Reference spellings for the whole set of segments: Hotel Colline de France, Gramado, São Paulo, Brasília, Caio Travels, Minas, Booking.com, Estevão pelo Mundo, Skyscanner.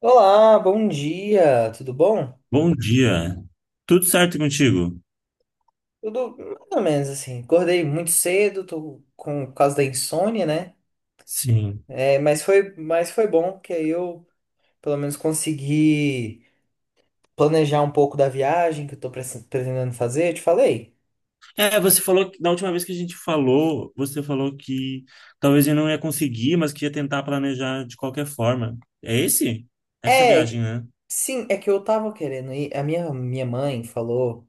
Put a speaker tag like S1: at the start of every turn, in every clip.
S1: Olá, bom dia, tudo bom?
S2: Bom dia. Tudo certo contigo?
S1: Tudo mais ou menos assim. Acordei muito cedo, tô com por causa da insônia, né?
S2: Sim.
S1: É, mas foi bom que aí eu pelo menos consegui planejar um pouco da viagem que eu tô pretendendo fazer. Eu te falei?
S2: É, você falou que da última vez que a gente falou, você falou que talvez eu não ia conseguir, mas que ia tentar planejar de qualquer forma. É esse? Essa viagem,
S1: É,
S2: né?
S1: sim, é que eu tava querendo ir. A minha mãe falou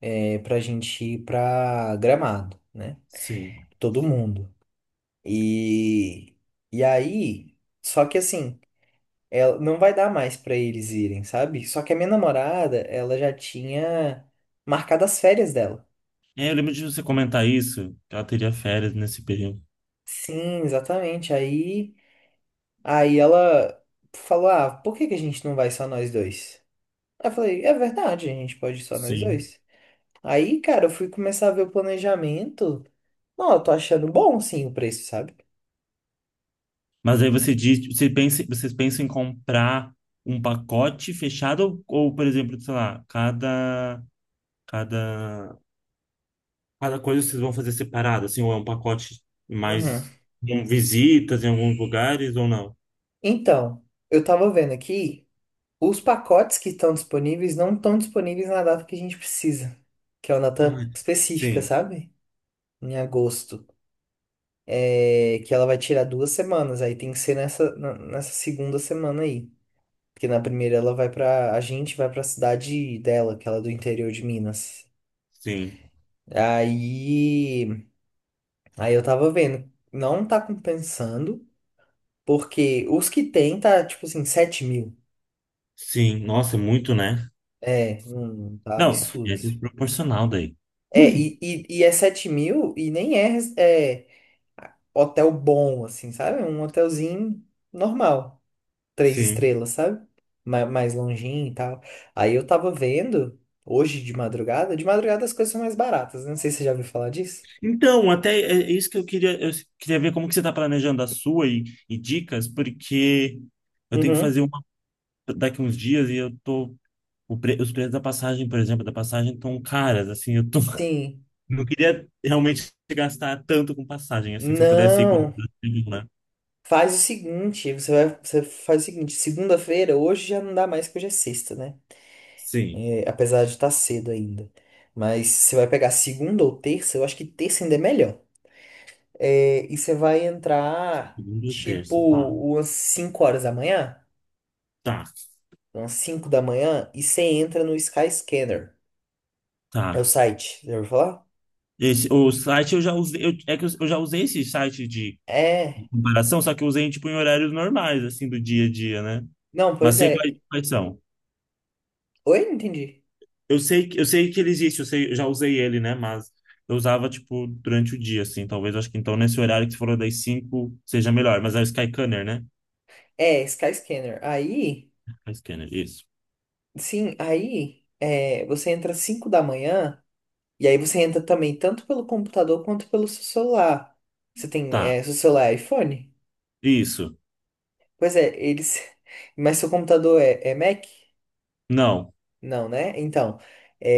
S1: pra gente ir pra Gramado, né?
S2: Sim.
S1: Todo mundo. E, e aí, só que assim. Ela não vai dar mais pra eles irem, sabe? Só que a minha namorada, ela já tinha marcado as férias dela.
S2: É, eu lembro de você comentar isso, que ela teria férias nesse período.
S1: Sim, exatamente. Aí ela falou: "Ah, por que que a gente não vai só nós dois?" Aí eu falei: "É verdade, a gente pode ir só nós
S2: Sim.
S1: dois." Aí, cara, eu fui começar a ver o planejamento. Não, eu tô achando bom sim o preço, sabe?
S2: Mas aí você diz, você pensa, vocês pensam em comprar um pacote fechado ou, por exemplo, sei lá, cada Cada coisa vocês vão fazer separado, assim, ou é um pacote
S1: Uhum.
S2: mais com visitas em alguns lugares ou não?
S1: Então, eu tava vendo aqui, os pacotes que estão disponíveis não estão disponíveis na data que a gente precisa, que é uma
S2: Ah,
S1: data específica,
S2: sim,
S1: sabe? Em agosto, que ela vai tirar 2 semanas, aí tem que ser nessa segunda semana aí. Porque na primeira ela vai pra. A gente vai pra cidade dela, que ela é do interior de Minas.
S2: sim,
S1: Aí. Aí eu tava vendo, não tá compensando, porque os que tem tá tipo assim, 7 mil.
S2: sim. Nossa, é muito, né?
S1: É, não, tá
S2: Não,
S1: absurdo,
S2: é
S1: assim.
S2: desproporcional daí.
S1: É, e, e, e é 7 mil e nem é, é hotel bom, assim, sabe? É um hotelzinho normal. Três
S2: Sim.
S1: estrelas, sabe? Mais longinho e tal. Aí eu tava vendo, hoje de madrugada as coisas são mais baratas, né? Não sei se você já ouviu falar disso.
S2: Então, até é isso que eu queria ver como que você está planejando a sua e dicas, porque eu tenho que fazer
S1: Uhum.
S2: uma daqui uns dias e eu tô, os preços da passagem, por exemplo, da passagem estão caras, assim, eu tô.
S1: Sim.
S2: Não queria realmente gastar tanto com passagem, assim, se eu pudesse ir quando,
S1: Não.
S2: né?
S1: Faz o seguinte, você vai, você faz o seguinte, segunda-feira, hoje já não dá mais, porque hoje é sexta, né?
S2: Sim.
S1: É, apesar de estar cedo ainda. Mas você vai pegar segunda ou terça, eu acho que terça ainda é melhor. É, e você vai entrar,
S2: Segunda ou
S1: tipo,
S2: terça, tá.
S1: umas 5 horas da manhã.
S2: Tá,
S1: Umas 5 da manhã, e você entra no Skyscanner. É o
S2: tá.
S1: site, já ouviu falar?
S2: Esse, o site eu já usei, é que eu já usei esse site de
S1: É.
S2: comparação, só que eu usei, tipo, em horários normais, assim, do dia a dia, né?
S1: Não,
S2: Mas
S1: pois
S2: sei
S1: é.
S2: quais são.
S1: Oi, não entendi.
S2: Eu sei que ele existe, eu sei, eu já usei ele, né? Mas eu usava, tipo, durante o dia, assim, talvez, acho que então nesse horário que você falou das 5 seja melhor, mas é o Skyscanner, né?
S1: É, Skyscanner. Aí,
S2: Skyscanner, isso.
S1: sim, aí é, você entra às 5 da manhã, e aí você entra também tanto pelo computador quanto pelo seu celular. Você tem,
S2: Tá,
S1: é, seu celular é iPhone?
S2: isso.
S1: Pois é, eles. Mas seu computador é, é Mac?
S2: Não.
S1: Não, né? Então, é,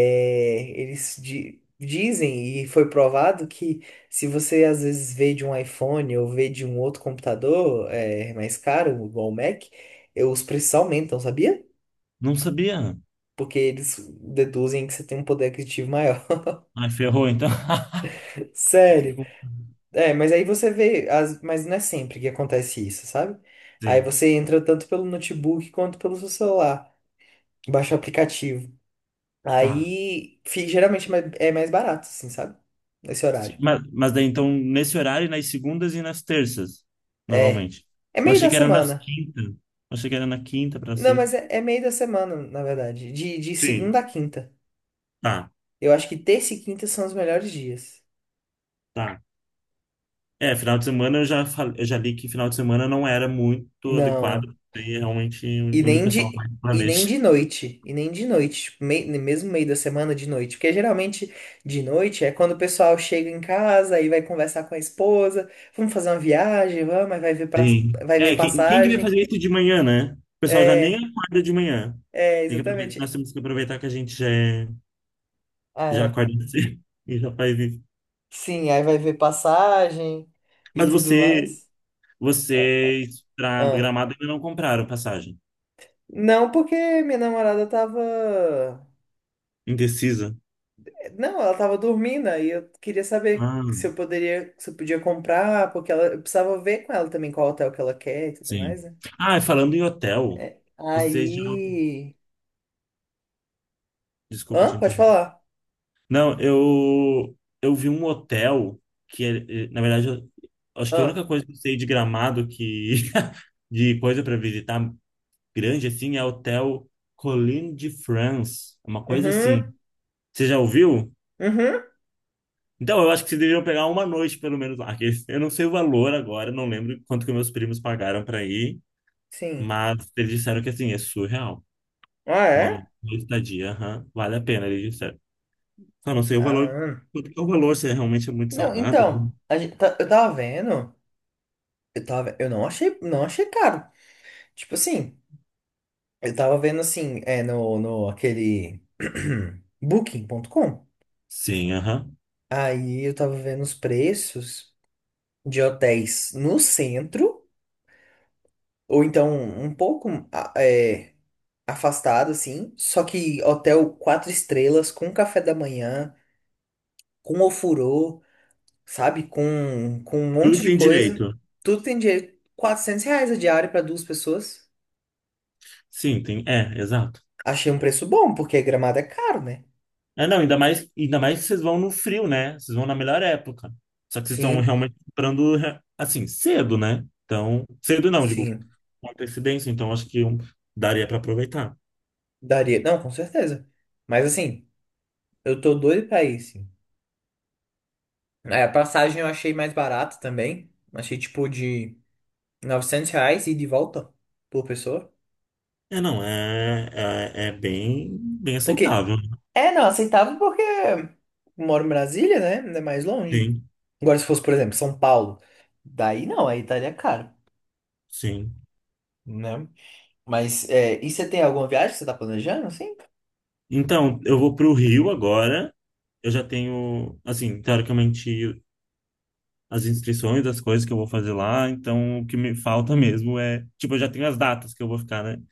S1: eles dizem, e foi provado, que se você às vezes vê de um iPhone ou vê de um outro computador é, mais caro, igual o Mac, os preços aumentam, sabia?
S2: Não sabia.
S1: Porque eles deduzem que você tem um poder aquisitivo maior.
S2: Ai, ferrou, então. Vou ter que
S1: Sério. É, mas aí você vê, mas não é sempre que acontece isso, sabe? Aí
S2: fazer.
S1: você entra tanto pelo notebook quanto pelo seu celular. Baixa o aplicativo.
S2: Tá.
S1: Aí, geralmente é mais barato, assim, sabe? Nesse
S2: Sim.
S1: horário.
S2: Mas daí, então, nesse horário, nas segundas e nas terças,
S1: É.
S2: normalmente.
S1: É
S2: Eu
S1: meio
S2: achei
S1: da
S2: que era nas
S1: semana.
S2: quintas. Eu achei que era na quinta pra
S1: Não, mas
S2: sexta.
S1: é, é meio da semana, na verdade. De segunda
S2: Sim.
S1: a quinta.
S2: Tá,
S1: Eu acho que terça e quinta são os melhores dias.
S2: tá. É, final de semana eu já li que final de semana não era muito adequado,
S1: Não.
S2: e é realmente
S1: E
S2: onde o
S1: nem
S2: pessoal
S1: de,
S2: mais
S1: e nem
S2: planeja.
S1: de noite. E nem de noite. Tipo, mesmo meio da semana, de noite. Porque geralmente de noite é quando o pessoal chega em casa e vai conversar com a esposa. Vamos fazer uma viagem, vamos, aí vai ver, pra,
S2: Sim.
S1: vai ver
S2: É, quem que vai
S1: passagem.
S2: fazer isso de manhã, né? O pessoal já nem
S1: É,
S2: acorda de manhã.
S1: é,
S2: Tem que aproveitar,
S1: exatamente.
S2: nós temos que aproveitar. que a gente já é
S1: Ah,
S2: Já
S1: é.
S2: acorda cedo e já faz isso.
S1: Sim, aí vai ver passagem e
S2: Mas
S1: tudo mais. Ah.
S2: vocês para
S1: Ah.
S2: Gramado ainda não compraram passagem.
S1: Não, porque minha namorada tava.
S2: Indecisa?
S1: Não, ela tava dormindo, aí eu queria saber
S2: Ah,
S1: se eu poderia, se eu podia comprar, porque ela, eu precisava ver com ela também qual hotel que ela quer e tudo
S2: sim.
S1: mais, né?
S2: Ah, e falando em hotel,
S1: É,
S2: você já.
S1: aí.
S2: Desculpa
S1: Hã?
S2: te
S1: Pode
S2: interromper.
S1: falar.
S2: Não, eu vi um hotel que, é, na verdade, acho que a
S1: Hã?
S2: única coisa que eu sei de Gramado que. De coisa para visitar grande assim é Hotel Colline de France. É uma coisa assim.
S1: Uhum.
S2: Você já ouviu?
S1: Uhum.
S2: Então, eu acho que vocês deveriam pegar uma noite, pelo menos, lá, que eu não sei o valor agora, não lembro quanto que meus primos pagaram para ir,
S1: Sim.
S2: mas eles disseram que, assim, é surreal.
S1: Ah,
S2: Uma
S1: é?
S2: noite de estadia, aham, vale a pena, eles disseram. Só não sei o valor,
S1: Ah.
S2: quanto que é o valor, se é realmente muito
S1: Não,
S2: salgado,
S1: então,
S2: né?
S1: a gente tá- eu tava vendo. Eu tava, eu não achei, não achei caro. Tipo assim. Eu tava vendo assim, é no aquele Booking.com.
S2: Sim, aham.
S1: Aí eu tava vendo os preços de hotéis no centro, ou então um pouco afastado, assim. Só que hotel quatro estrelas, com café da manhã, com ofurô, sabe? Com um
S2: Tudo
S1: monte
S2: que
S1: de
S2: tem
S1: coisa.
S2: direito.
S1: Tudo tem direito. R$ 400 a diária para duas pessoas.
S2: Sim, tem, é, exato.
S1: Achei um preço bom, porque Gramado é caro, né?
S2: É, não, ainda mais que vocês vão no frio, né? Vocês vão na melhor época. Só que vocês estão
S1: Sim,
S2: realmente comprando, assim, cedo, né? Então, cedo não, digo,
S1: sim.
S2: uma antecedência, então acho que daria para aproveitar.
S1: Daria. Não, com certeza. Mas assim, eu tô doido pra ir, sim. É, a passagem eu achei mais barata também. Achei tipo de R$ 900 e de volta por pessoa.
S2: É, não, é bem, bem
S1: Porque.
S2: aceitável.
S1: É, não, aceitável porque eu moro em Brasília, né? Ainda é mais longe.
S2: Sim,
S1: Agora, se fosse, por exemplo, São Paulo, daí não, aí estaria caro,
S2: sim.
S1: né? Mas, é, e você tem alguma viagem que você tá planejando, assim?
S2: Então, eu vou para o Rio agora. Eu já tenho, assim, teoricamente, as inscrições, as coisas que eu vou fazer lá. Então, o que me falta mesmo é, tipo, eu já tenho as datas que eu vou ficar, né?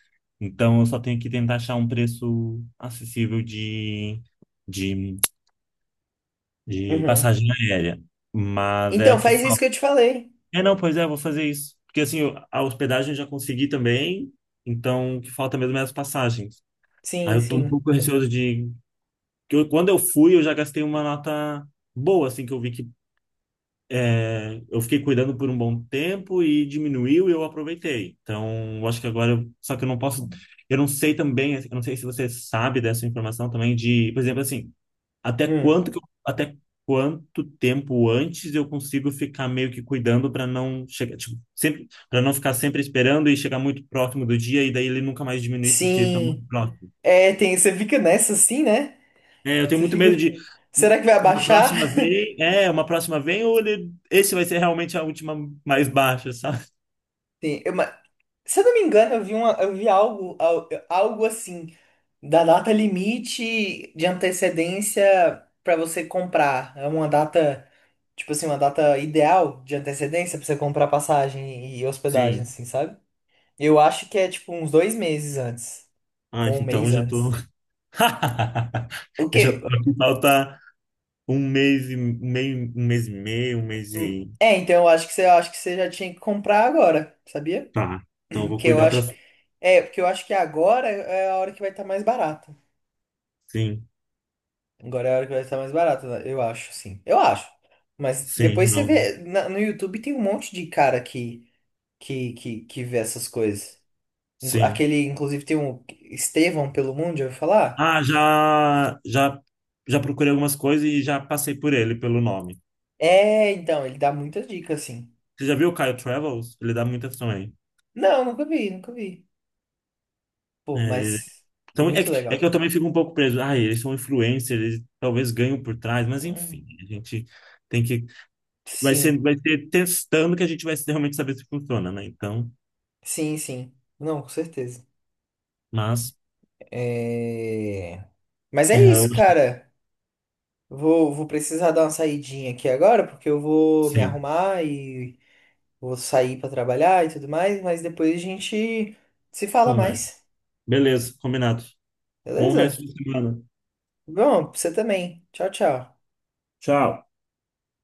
S2: Então, eu só tenho que tentar achar um preço acessível de de
S1: Uhum.
S2: passagem aérea. Mas é
S1: Então,
S2: o que
S1: faz isso
S2: falta.
S1: que eu te falei.
S2: É, não, pois é, eu vou fazer isso. Porque assim, a hospedagem eu já consegui também, então o que falta mesmo é as passagens. Aí
S1: Sim,
S2: eu tô um
S1: sim.
S2: pouco receoso de. Quando eu fui, eu já gastei uma nota boa, assim, que eu vi que é, eu fiquei cuidando por um bom tempo e diminuiu e eu aproveitei. Então, eu acho que agora. Só que eu não posso. Eu não sei se você sabe dessa informação também, de, por exemplo, assim. Até
S1: Hum.
S2: quanto que eu- até quanto tempo antes eu consigo ficar meio que cuidando para não chegar, tipo, sempre para não ficar sempre esperando e chegar muito próximo do dia e daí ele nunca mais diminuir porque tá muito
S1: Sim,
S2: próximo.
S1: é, tem, você fica nessa assim, né?
S2: É, eu tenho
S1: Você
S2: muito medo
S1: fica,
S2: de
S1: será que vai
S2: uma
S1: abaixar?
S2: próxima vez, é, uma próxima vez ou ele, esse vai ser realmente a última mais baixa, sabe?
S1: Sim, eu- mas- se eu não me engano, eu vi uma, eu vi algo assim, da data limite de antecedência para você comprar. É uma data, tipo assim, uma data ideal de antecedência para você comprar passagem e hospedagem,
S2: Sim.
S1: assim, sabe? Eu acho que é tipo uns 2 meses antes,
S2: Ah,
S1: ou um
S2: então
S1: mês
S2: já tô.
S1: antes. O
S2: Eu já tô
S1: que?
S2: aqui, falta um mês e um meio, um mês e meio, um mês
S1: Hum,
S2: e
S1: Então eu acho que você, eu acho que você já tinha que comprar agora, sabia?
S2: tá. Então eu vou
S1: Porque eu
S2: cuidar para.
S1: acho porque eu acho que agora é a hora que vai estar mais barata.
S2: Sim.
S1: Agora é a hora que vai estar mais barata, né? Eu acho, sim. Eu acho. Mas
S2: Sim,
S1: depois você
S2: não.
S1: vê. No YouTube tem um monte de cara que, que vê essas coisas.
S2: Sim.
S1: Aquele, inclusive, tem um Estevão pelo Mundo, já ouviu falar?
S2: Ah, já procurei algumas coisas e já passei por ele, pelo nome.
S1: É, então, ele dá muitas dicas, assim.
S2: Você já viu o Caio Travels? Ele dá muitas também.
S1: Não, nunca vi, nunca vi. Pô,
S2: É,
S1: mas
S2: então, é
S1: muito
S2: que, é que eu
S1: legal.
S2: também fico um pouco preso. Ah, eles são influencers, eles talvez ganham por trás, mas
S1: Hum,
S2: enfim, a gente tem que. Vai ser,
S1: Sim,
S2: vai ser testando que a gente vai realmente saber se funciona, né? Então,
S1: sim, sim. Não, com certeza.
S2: mas,
S1: É... Mas é
S2: é, eu-
S1: isso, cara. Vou precisar dar uma saidinha aqui agora, porque eu vou me
S2: sim,
S1: arrumar e vou sair para trabalhar e tudo mais, mas depois a gente se fala
S2: conversa.
S1: mais,
S2: Beleza, combinado. Bom resto
S1: beleza?
S2: de semana.
S1: Bom, pra você também. Tchau, tchau.
S2: Tchau.